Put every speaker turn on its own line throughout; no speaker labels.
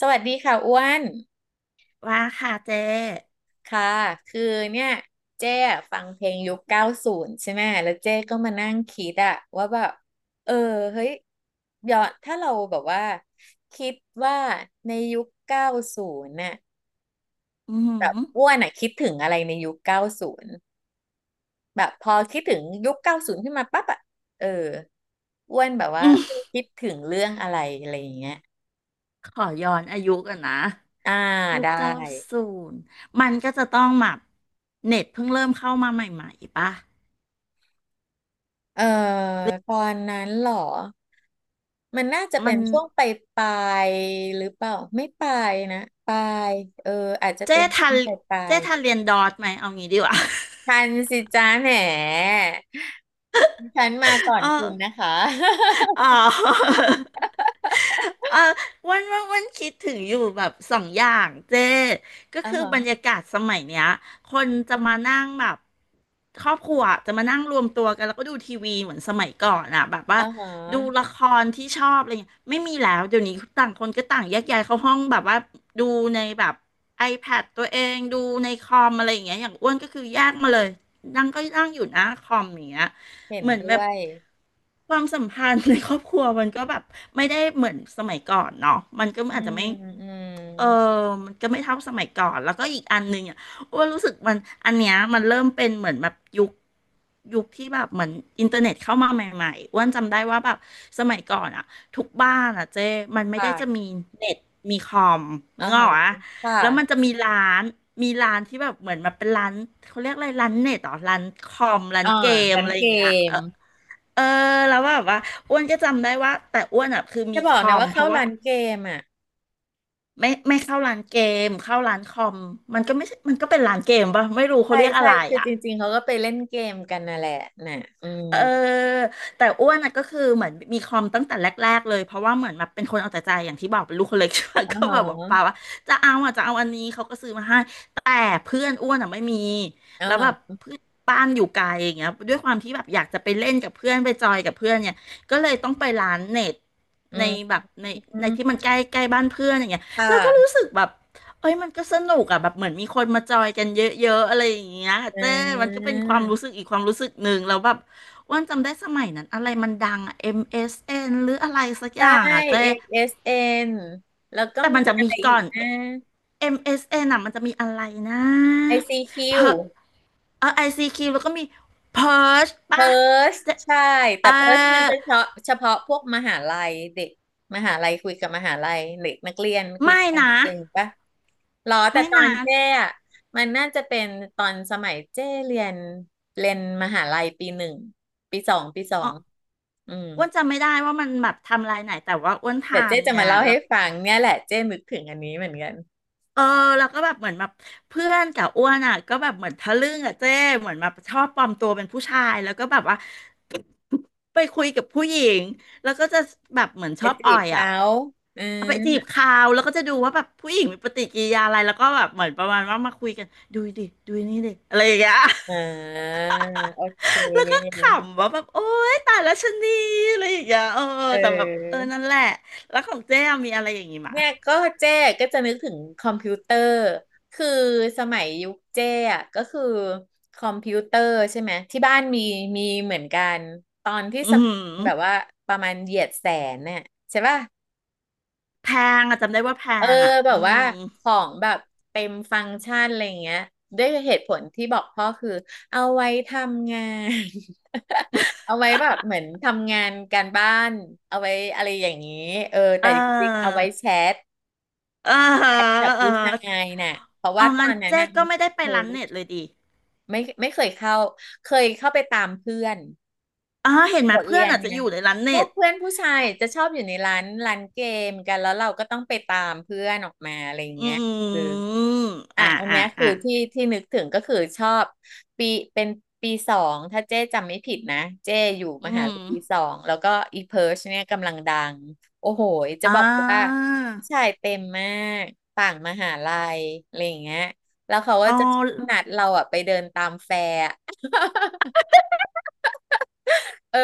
สวัสดีค่ะอ้วน
ว่าค่ะเจ๊
ค่ะคือเนี่ยเจ๊อะฟังเพลงยุคเก้าศูนย์ใช่ไหมแล้วเจ๊ก็มานั่งคิดอะว่าแบบเออเฮ้ยย้อนถ้าเราแบบว่าคิดว่าในยุคเก้าศูนย์น่ะ
อืมอ
แบบ
หือ
อ้วนอะคิดถึงอะไรในยุคเก้าศูนย์แบบพอคิดถึงยุคเก้าศูนย์ขึ้นมาปั๊บอะเอออ้วนแบบว่า
ม
คิดถึงเรื่องอะไรอะไรอย่างเงี้ย
ขอย้อนอายุกันนะ
อ่า
ยุค
ได้
เก้าศูนย์ มันก็จะต้องแบบเน็ตเพิ่งเริ่มเข้ามาใหม่ๆป่ะ
เออตอนนั้นเหรอ มันน่าจะ
มั
เป็น
น
ช่วงปลายปลายหรือเปล่าไม่ปลายนะปลายเอออาจจะ
เจ๊
เป็น
ทั
ช่ว
น
งปลายปลา
เจ๊
ย
ทันเรียนดอทไหมเอางี้ดีกว่า
ทันสิจ้าแหมฉันมาก่อ
เ
นคุณนะ
ออ
คะ
อ๋อ เออวันวันวันคิดถึงอยู่แบบสองอย่างเจ้ก็
อ่า
คือ
ฮะ
บรรยากาศสมัยเนี้ยคนจะมานั่งแบบครอบครัวจะมานั่งรวมตัวกันแล้วก็ดูทีวีเหมือนสมัยก่อนอะแบบว่า
อ่าฮะ
ดูละครที่ชอบอะไรเงี้ยไม่มีแล้วเดี๋ยวนี้ต่างคนก็ต่างแยกย้ายเข้าห้องแบบว่าดูในแบบ iPad ตัวเองดูในคอมอะไรอย่างเงี้ยอย่างอ้วนก็คือแยกมาเลยนั่งก็นั่งอยู่หน้าคอมอย่างเงี้ย
เห็น
เหมือนแบ
ด้ว
บ
ย
ความสัมพันธ์ในครอบครัวมันก็แบบไม่ได้เหมือนสมัยก่อนเนาะมันก็
อื
อาจจะ
ม
ไม่
อื
เออ
ม
มันก็ไม่เท่าสมัยก่อนแล้วก็อีกอันหนึ่งอ่ะอ้วนรู้สึกมันอันเนี้ยมันเริ่มเป็นเหมือนแบบยุคที่แบบเหมือนอินเทอร์เน็ตเข้ามาใหม่ๆอ้วนจำได้ว่าแบบสมัยก่อนอ่ะทุกบ้านอ่ะเจ้มันไม่ได้จะมี
ค่ะ
เน็ตมีคอมนึ
อ่า
กอ
ฮะ
อกอะ
ค
แล้วมัน
่ะ
จะมีร้านมีร้านที่แบบเหมือนแบบเป็นร้านเขาเรียกอะไรร้านเน็ตเหรอร้านคอมร้าน
อ่า
เกม
ร้าน
อะไรอ
เก
ย่างเงี้ยเอ
ม
อ เออแล้วแบบว่าอ้วนก็จำได้ว่าแต่อ้วนอ่ะคือมี
จะบ
ค
อก
อ
นะ
ม
ว่า
เพ
เข้า
ราะว่า
ร้านเกมอ่ะ
ไม่เข้าร้านเกมเข้าร้านคอมมันก็ไม่ใช่มันก็เป็นร้านเกมป่ะไม่รู้เขา
ใช่
เรียกอะ
ใช่
ไร
คือ
อ่ะ
จริงๆเขาก็ไปเล่นเกมกันน่ะแหละน่ะอืม
เออแต่อ้วนน่ะก็คือเหมือนมีคอมตั้งแต่แรกๆเลยเพราะว่าเหมือนแบบเป็นคนเอาแต่ใจอย่างที่บอกเป็นลูกคนเล็กใช่ไหม
อ๋อ
ก็
ฮ
แบบบอกป้า
ะ
ว่าจะเอาอ่ะจะเอาอันนี้เขาก็ซื้อมาให้แต่เพื่อนอ้วนอ่ะไม่มี
อ๋อ
แล้วแบบ
ฮะ
เพื่อนบ้านอยู่ไกลอย่างเงี้ยด้วยความที่แบบอยากจะไปเล่นกับเพื่อนไปจอยกับเพื่อนเนี่ยก็เลยต้องไปร้านเน็ต
อื
ใน
ม
แบบใน
อื
ใน
ม
ที่มันใกล้ใกล้บ้านเพื่อนอย่างเงี้ย
ค
แล้วก็รู้
่ะ
สึกแบบเอ้ยมันก็สนุกอ่ะแบบเหมือนมีคนมาจอยกันเยอะๆอะไรอย่างเงี้ย
อ่
เจ้มันก็
า
เป็นความรู้สึกอีกความรู้สึกหนึ่งแล้วแบบ อ้วนจำได้สมัยนั้นอะไรมันดังอะ MSN หรืออะไรสักอ
ใช่
ย่างอะเจ๊
ASN แล้วก็
แต่
มี
มันจะ
อะ
มี
ไรอี
ก่อ
ก
น
นะ
MSN อมเอสเอ็นอะมันจะมีอะไรนะ
ไอซีคิ
เพ
c
อเออ ICQ แล้วก็มี Perch
เพ e
ป่ะ
r ์ช
เจ๊
ใช่
เอ
แต่
อ
เพ e ร์ชมันจะเฉพาะเฉพาะพวกมหาลัยเด็กมหาลัยคุยกับมหาลัยเด็กนักเรียนคุย
ไม่
กัน
นะ
เองปะหรอแต่
ไม่
ตอ
นะ
นเจ้อะมันน่าจะเป็นตอนสมัยเจ้เรียนเรียนมหาลัยปีหนึ่งปีสองปีสอ
อ๋อ
งอืม
อ้วนจำไม่ได้ว่ามันแบบทำลายไหนแต่ว่าอ้วน
เดี๋
ทา
ยว
น
เจ้จะ
เนี่
มา
ย
เล่า
แล้
ให้
ว
ฟังเนี่ยแหละเจ้นึกถึงอันนี้เหมือนกัน
เออแล้วก็แบบเหมือนแบบเพื่อนกับอ้วนอ่ะก็แบบเหมือนทะลึ่งอ่ะเจ้เหมือนแบบชอบปลอมตัวเป็นผู้ชายแล้วก็แบบว่า ไปคุยกับผู้หญิงแล้วก็จะแบบเหมือนช
ไป
อบ
จี
อ่อ
บ
ยอ่ะ
เขาอื
เอาไปจีบ
ม
เขาแล้วก็จะดูว่าแบบผู้หญิงมีปฏิกิริยาอะไรแล้วก็แบบเหมือนประมาณว่ามาคุยกันดูดิดูนี่ดิอะไรอย่างเงี้ย
อ่าโอเค
แล้วก็ขำว่าแบบโอ๊ยตายแล้วชะนีอะไรอย่างเงี้ยเออ
เ
แต่แบบเออ
ออ
นั่นแหละแล้วของเจ้มีอะไรอย่างงี้มะ
เนี่ยก็เจ๊ก็จะนึกถึงคอมพิวเตอร์คือสมัยยุคเจ๊อะก็คือคอมพิวเตอร์ใช่ไหมที่บ้านมีมีเหมือนกันตอนที่
อื
สมัย
ม
แบบว่าประมาณเหยียดแสนเนี่ยใช่ป่ะ
แพงอะจำได้ว่าแพ
เออ
งอ่ะ
แบ
อื
บว่า
ม
ของแบบเต็มฟังก์ชันอะไรเงี้ยด้วยเหตุผลที่บอกพ่อคือเอาไว้ทำงาน เอาไว้แบบเหมือนทำงานการบ้านเอาไว้อะไรอย่างนี้แต่
อ่า
จริงๆเอาไว้แชท
อ่าฮะ
แชทกับ
อ่า
ผู้
ฮะ
ชายน่ะเพราะ
อ๋
ว่า
อ
ตอ
งั้น
นนั้น
เจ๊
น่ะ
ก็
มัน
ไม่ได้ไป
เพิ
ร้าน
ร์
เน็ต
ช
เลยดิ
ไม่เคยเข้าเคยเข้าไปตามเพื่อน
อ๋อเห็นไหม
บท
เพื่
เรี
อน
ยน
อาจจะ
ไง
อยู่ในร้าน
พ
เน็
วก
ต
เพื่อนผู้ชายจะชอบอยู่ในร้านเกมกัน แล้วเราก็ต้องไปตามเพื่อนออกมาอะไรอย่าง
อื
เงี้ยคือ
ม
อ่ะ
อ่า
อันเนี้
อ่า
ยคือ
อ่า
ที่นึกถึงก็คือชอบปีเป็นปีสองถ้าเจ๊จำไม่ผิดนะเจ๊อยู่
อื
มหา
ม
ลัยปีสองแล้วก็อีเพิร์ชเนี่ยกำลังดังโอ้โหจะ
อ่
บอกว่า
า
ชายเต็มมากต่างมหาลัยอะไรอย่างเงี้ยแล้วเขาก็
อ๋อ
จะชอบนัดเราอ่ะไปเดินตามแฟร์ เออ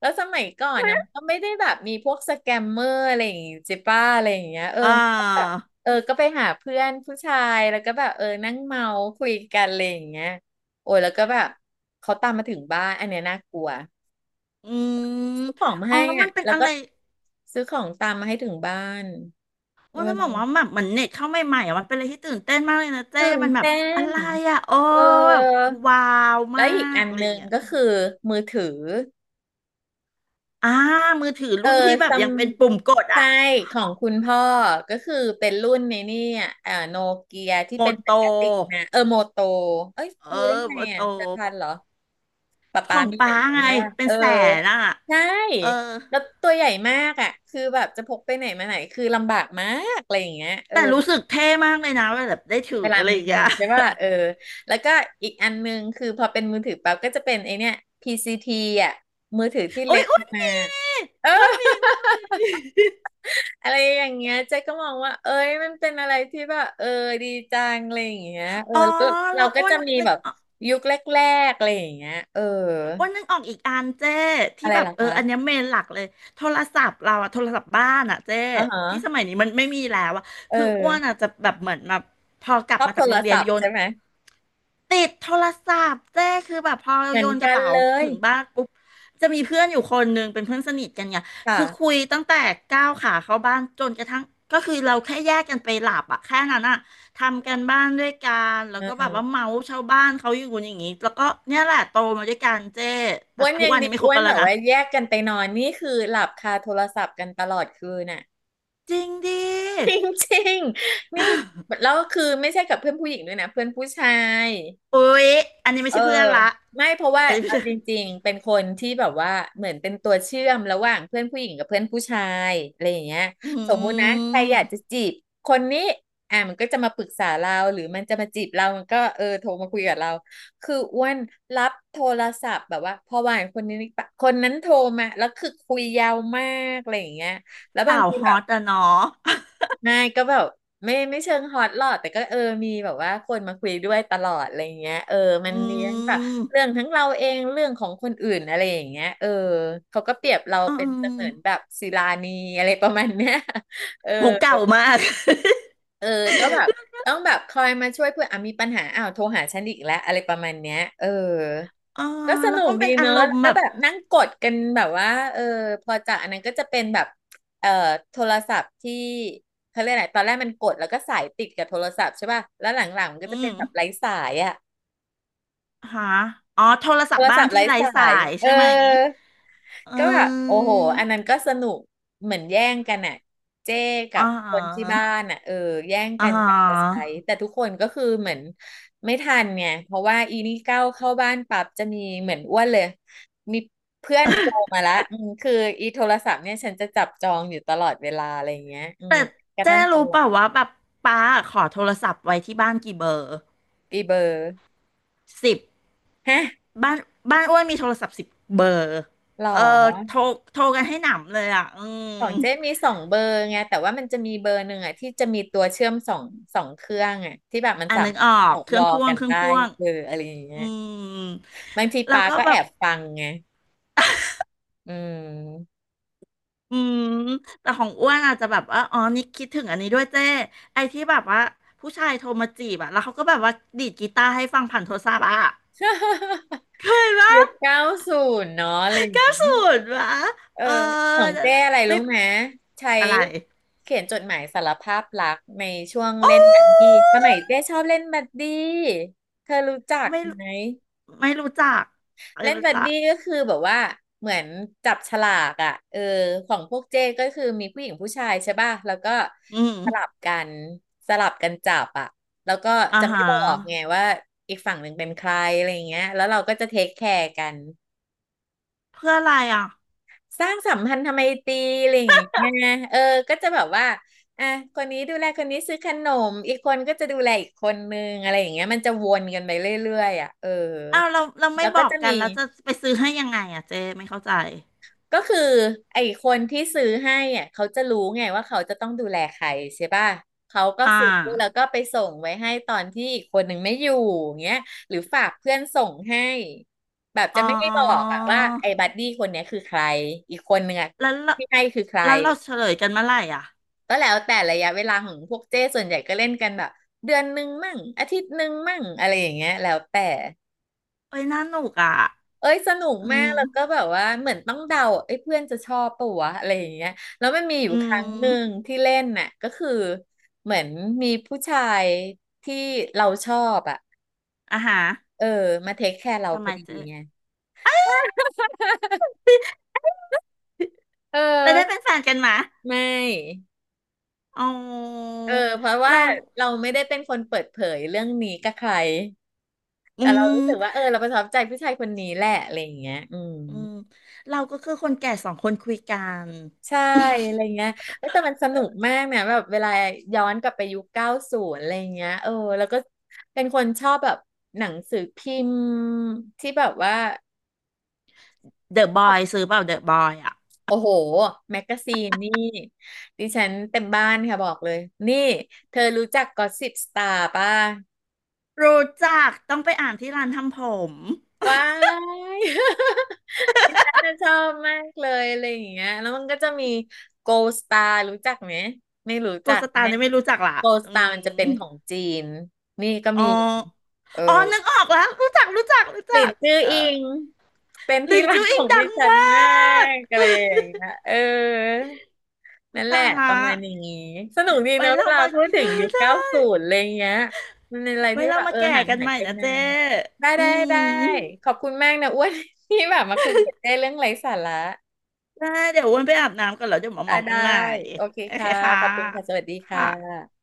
แล้วสมัยก่อนนะมันก็ไม่ได้แบบมีพวกสแกมเมอร์อะไรอย่างงี้จิป้าอะไรอย่างเงี้ย
อ่
มันก็แบบ
า
ก็ไปหาเพื่อนผู้ชายแล้วก็แบบนั่งเมาคุยกันอะไรอย่างเงี้ยโอ้ยแล้วก็แบบเขาตามมาถึงบ้านอันเนี้ยน่ากลัว
อืม
ซื้อของมา
อ๋อ
ให้
แล้วมั
อ่ะ
นเป็น
แล้ว
อะ
ก็
ไร
ซื้อของตามมาให้ถึงบ้านเออ
ว่าจะบอกว่าแบบเหมือนเน็ตเข้าใหม่ๆอ่ะมันเป็นอะไรที่ตื่นเต้นมากเลยนะเจ๊
ตื่น
มันแบบ
เต้
อะ
น
ไรอ่ะโอ้
เออ
แบบว้าว
แล้
มา
วอีก
ก
อัน
อะไร
ห
อย่า
นึ่
ง
ง
เงี้ย
ก็คือมือถือ
อ่ามือถือ
เออ
รุ่นที่แบบ
ซัม
ยังเป็นปุ่มกด
ใช่
อ่ะ
ของคุณพ่อก็คือเป็นรุ่นในนี่อ่ะโนเกียที่
โม
เป็นเหมื
โต
อนกระติกนะ โมโตเอ้ย
เอ
รู้ได้
อ
ไง
โอโต
อ่ะเธอ
บ
ทันเหรอป๊า
ข
ป๊า
อง
มีเหมื
ป้า
อนกัน
ไง
ใช่ป่ะ
เป็นแสนอ่ะ
ใช่
เออ
แล้วตัวใหญ่มากอ่ะคือแบบจะพกไปไหนมาไหนคือลำบากมากอะไรอย่างเงี้ย
แต่รู้สึกเท่มากเลยนะเวลาแบบได้ถือ
เวลา
อะไร
มี
อย่างเงี้ย
ใช่ป่ะแล้วก็อีกอันนึงคือพอเป็นมือถือปั๊บก็จะเป็นไอเนี้ย PCT อ่ะมือถือที่
โอ้
เล็
ย
ก
อ้วนห
มา
มี
กเออ
อ้วนหมีอ้วนหมี
อะไรอย่างเงี้ยเจ๊ก็มองว่าเอ้ยมันเป็นอะไรที่แบบดีจังอะไรอย่างเงี้ย
อ๋อ
แล้วเรา
เรา
ก็
อ้ว
จะ
น
มี
นึ
แบ
ก
บ
ออก
ยุคแรกๆอะไรอย่างเงี้ย
อีกอันเจ้ที่
อะไร
แบบ
ล่ะ
เอออันเนี้ย
คะ
เมนหลักเลยโทรศัพท์เราอะโทรศัพท์บ้านอะเจ้
อ๋อฮะ
ที่สมัยนี้มันไม่มีแล้วอะ
เอ
คืออ้วน
อ
อะจะแบบเหมือนแบบพอกลั
ช
บ
อบ
มา
โท
จาก
ร
โรงเรียน
ศัพ
โย
ท์
น
ใช่ไหม
ติดโทรศัพท์เจ้คือแบบพอ
เหมือ
โย
น
นก
กั
ระ
น
เป๋า
เลย
ถึงบ้านปุ๊บจะมีเพื่อนอยู่คนหนึ่งเป็นเพื่อนสนิทกันเนี่ยคือคุ
ค่ะ
ยตั้งแต่ก้าวขาเข้าบ้านจนกระทั่งก็คือเราแค่แยกกันไปหลับอะแค่นั้นอะทำกันบ้านด้วยกันแล้
เ
วก็แบบว่า
ออ
เมาส์ชาวบ้านเขาอยู่อย่างนี้แล้วก็เนี่ยแหละโตมาด้วยกันเจ้แต่
อ้วน
ทุก
ยัง
วันนี้
ดี
ไม่ค
อ้
บ
วน
กัน
แบ
แล้ว
บ
นะ
ว่าแยกกันไปนอนนี่คือหลับคาโทรศัพท์กันตลอดคืนน่ะ
จริงดิ
จริงๆนี่แล้วคือไม่ใช่กับเพื่อนผู้หญิงด้วยนะเพื่อนผู้ชาย
อุ๊ยอันนี้ไม่
เออ
ใช่เพื่อนละ
ไม่เพราะว่า
อันนี้ไม่
เอา
ใช่
จริงๆเป็นคนที่แบบว่าเหมือนเป็นตัวเชื่อมระหว่างเพื่อนผู้หญิงกับเพื่อนผู้ชายอะไรอย่างเงี้ย
อื
สมมุตินะใครอยากจะ
ม
จีบคนนี้อ่ะมันก็จะมาปรึกษาเราหรือมันจะมาจีบเรามันก็โทรมาคุยกับเราคืออ้วนรับโทรศัพท์แบบว่าพอวานคนนี้ปะคนนั้นโทรมาแล้วคือคุยยาวมากอะไรอย่างเงี้ยแล้วบาง
สาว
ที
ฮ
แบ
อ
บ
ตอะเนาะ
ไม่ก็แบบไม่เชิงฮอตหรอกแต่ก็มีแบบว่าคนมาคุยด้วยตลอดอะไรเงี้ยมั
อื
นมีทั้งแบบเรื่อง
ม
ทั้งเราเองเรื่องของคนอื่นอะไรอย่างเงี้ยเขาก็เปรียบเรา
อื
เป็นเสมือนแบ
ม
บศิลานีอะไรประมาณเนี้ย เออ
โหเก่ามาก
เออก็แบบต้องแบบคอยมาช่วยเพื่อนอ่ะมีปัญหาอ้าวโทรหาฉันอีกแล้วอะไรประมาณเนี้ยเออ
เออ
ก็ส
แล้
นุ
ว
ก
ก็
ดี
เป็นอา
เนอะ
ร
แล้ว
มณ์
ก็
แบบ
แบบนั่งกดกันแบบว่า เออ พอจะอันนั้นก็จะเป็นแบบ เอ่อโทรศัพท์ที่เขาเรียกอะไรตอนแรกมันกดแล้วก็สายติดกับโทรศัพท์ใช่ป่ะแล้วหลังๆมันก็จะ
อื
เป็น
ม
แบบไร้สายอ่ะ
หาอ๋อโทร
โท
ศัพ
ร
ท์บ้า
ศั
น
พท์
ที่
ไร้
ไร้
ส
สา
าย
ย
เอ
ใช่ไหม
อ
เ
ก็แบบโอ้
ออ
โหอันนั้นก็สนุกเหมือนแย่งกันอ่ะเจ้กั
อ๋
บคนที่
อ
บ้านอ่ะเออแย่ง
อ๋อ
กันแบบจะใช้แต่ทุกคนก็คือเหมือนไม่ทันไงเพราะว่าอีนี่เก้าวเข้าบ้านปั๊บจะมีเหมือนอ้วนเลยมีเพื่อนโทรมาละอืมคืออีโทรศัพท์เนี่ยฉันจะจับจองอยู่ตลอดเวลาอะไรอย่างเงี้ยอืม
แต่
กระ
เจ๊
ทั่งตอน
รู้
ห
เป
ลัง
ล่าว่าแบบป้าขอโทรศัพท์ไว้ที่บ้านกี่เบอร์
ปีเบอร์
สิบ
ฮะ
บ้านอ้วนมีโทรศัพท์สิบเบอร์
หรอ
เออโทรโทรกันให้หนำเลยอ่ะอืม
ของเจ๊มีสองเบอร์ไงแต่ว่ามันจะมีเบอร์หนึ่งอ่ะที่จะมีตัวเชื่อมสองเครื่องอ่ะที่แบบมัน
อ่า
สา
นึ
มา
ก
รถ
ออ
บ
ก
อก
เค
ว
รื่อ
อ
ง
ล
พ่วง
กัน
เครื่อง
ได้
พ่วง
เอออะไรอย่างเงี้
อื
ย
ม
บางที
แล้ว
ปา
ก็
ก็
แบ
แอ
บ
บฟังไงอืม
อืมแต่ของอ้วนอาจจะแบบว่าอ๋อนี่คิดถึงอันนี้ด้วยเจ้ไอ้ที่แบบว่าผู้ชายโทรมาจีบอะแล้วเขาก็แบบว่าดีดกีตาร์ให้ฟังผ่านโทรศัพท์อะ เคยปะ
ยุคเก้าศูนย์เนาะอะไรอย่าง
เก้า
เงี้
ศู
ย
นย์ปะ
เออ
เออ
ของ
นั่น
เจ๊
แหละ
อะไร
ไม่
รู้ไหมใช้
อะไร
เขียนจดหมายสารภาพรักในช่วงเล่
โอ้
นบัดดี้สมัยเจ๊ชอบเล่นบัดดี้เธอรู้จัก
ไม่รู้
ไหม
ไม่รู้จักไม่
เล่น
รู้
บัด
จัก
ดี้ก็คือแบบว่าเหมือนจับฉลากอ่ะเออของพวกเจ้ก็คือมีผู้หญิงผู้ชายใช่ป่ะแล้วก็
อืม
สลับกันสลับกันจับอ่ะแล้วก็
อ่า
จะไม่
ฮะ
บอกไงว่าอีกฝั่งหนึ่งเป็นใครอะไรอย่างเงี้ยแล้วเราก็จะเทคแคร์กัน
เพื่ออะไรอ่ะ
สร้างสัมพันธไมตรีอะไรอย่างเงี้ยเออก็จะแบบว่าอ่ะคนนี้ดูแลคนนี้ซื้อขนมอีกคนก็จะดูแลอีกคนนึงอะไรอย่างเงี้ยมันจะวนกันไปเรื่อยๆอ่ะเออ
อ้าวเราไม่
แล้ว
บ
ก็
อก
จะ
กัน
มี
แล้วจะไปซื้อให้ยังไงอ่ะเจ้ไม่เข้าใจ
ก็คือไอ้คนที่ซื้อให้อ่ะเขาจะรู้ไงว่าเขาจะต้องดูแลใครใช่ป่ะเขาก็
อ่
ซื้อแล้ว
า
ก็ไปส่งไว้ให้ตอนที่อีกคนหนึ่งไม่อยู่อย่างเงี้ยหรือฝากเพื่อนส่งให้แบบจะ
อ๋อ
ไม่ได้บอกอะว่าไอ้บัดดี้คนเนี้ยคือใครอีกคนหนึ่งอะ
แล้วเรา
ที่ให้คือใคร
เฉลยกันเมื่อไหร่อ่ะ
ก็แล้วแต่ระยะเวลาของพวกเจ้ส่วนใหญ่ก็เล่นกันแบบเดือนหนึ่งมั่งอาทิตย์หนึ่งมั่งอะไรอย่างเงี้ยแล้วแต่
เอ้ยน่าหนุกอ่ะ
เอ้ยสนุก
อื
มาก
ม
แล้วก็แบบว่าเหมือนต้องเดาเอ้ยเพื่อนจะชอบปะวะอะไรอย่างเงี้ยแล้วมันมีอยู่
อื
ครั้งห
ม
นึ่งที่เล่นน่ะก็คือเหมือนมีผู้ชายที่เราชอบอ่ะ
อ่ะฮะ
เออมาเทคแคร์เรา
ทำ
พ
ไม
อดี
เจ๊
ไง เออ
ไปได้เป็นแฟนกันมา
ไม่
อ๋อ
เออเพราะว่า
เรา
เราไม่ได้เป็นคนเปิดเผยเรื่องนี้กับใคร
อื
แต่เรารู้สึกว่าเอ
ม
อเราประทับใจผู้ชายคนนี้แหละอะไรอย่างเงี้ยอืม
อืมเราก็คือคนแก่สองคนคุยกัน
ใช่อะไรเงี้ยเอ้ยแต่มันสนุกมากเนี่ยแบบเวลาย้อนกลับไปยุคเก้าศูนย์อะไรเงี้ยเออ แล้วก็เป็นคนชอบแบบหนังสือพิมพ์ที่แบบว่า
เดอะบอยซื้อเปล่าเดอะบอยอ่ะ
โอ้โห แมกกาซีนนี่ดิฉันเต็มบ้านค่ะบอกเลย นี่เธอรู้จักกอสซิปสตาร์ป่ะ
รู้จักต้องไปอ่านที่ร้านทำผม
ว้าย ดิฉันน่ะชอบมากเลยอะไรอย่างเงี้ยแล้วมันก็จะมี Gold Star รู้จักไหมไม่รู้
โก
จัก
สตา
แน่
ร์นี่ไม่รู้จักละ
Gold
อื
Star มันจะเป็
ม
นของจีนนี่ก็
อ๋อ
มีเออ
อ๋อนึกออกแล้วรู้จักรู้จักรู้
หลิ
จั
น
ก
จื้อ
เออ
อิงเป็นที่
ลิน
รัก
จู
ข
อิ
อ
ง
ง
ดั
ดิ
ง
ฉั
ม
นมา
าก
กอะไร อย่างเงี้ยเออ
อุ๊
นั่
ย
นแห
ตา
ละ
ยละ
ประมาณอย่างี้สนุกดี
ไว้
เนอะเว
เรา
ลา
มา
พูดถึงยุค
ได้
เก้าศูนย์อะไรเงี้ยมันเป็นอะไร
ไว้
ที่
เรา
แบบ
มา
เออ
แก่
ห่าง
กัน
หาย
ใหม่
ไป
นะ
นา
เจ้
นได้
อื
ได้ได้
ม
ขอบคุณมากนะอ้วน ที่แบบมาคุยกันได้เรื่องไร้สาระ
ได้เดี๋ยวอ้วนไปอาบน้ำก่อนแล้วเดี๋ยวมา
อ่ะ
เมากั
ได้
นใหม่
โอเค
โอเค
ค่ะ
ค่ะ
ขอบคุณค่ะสวัสดีค่
ค่ะ
ะ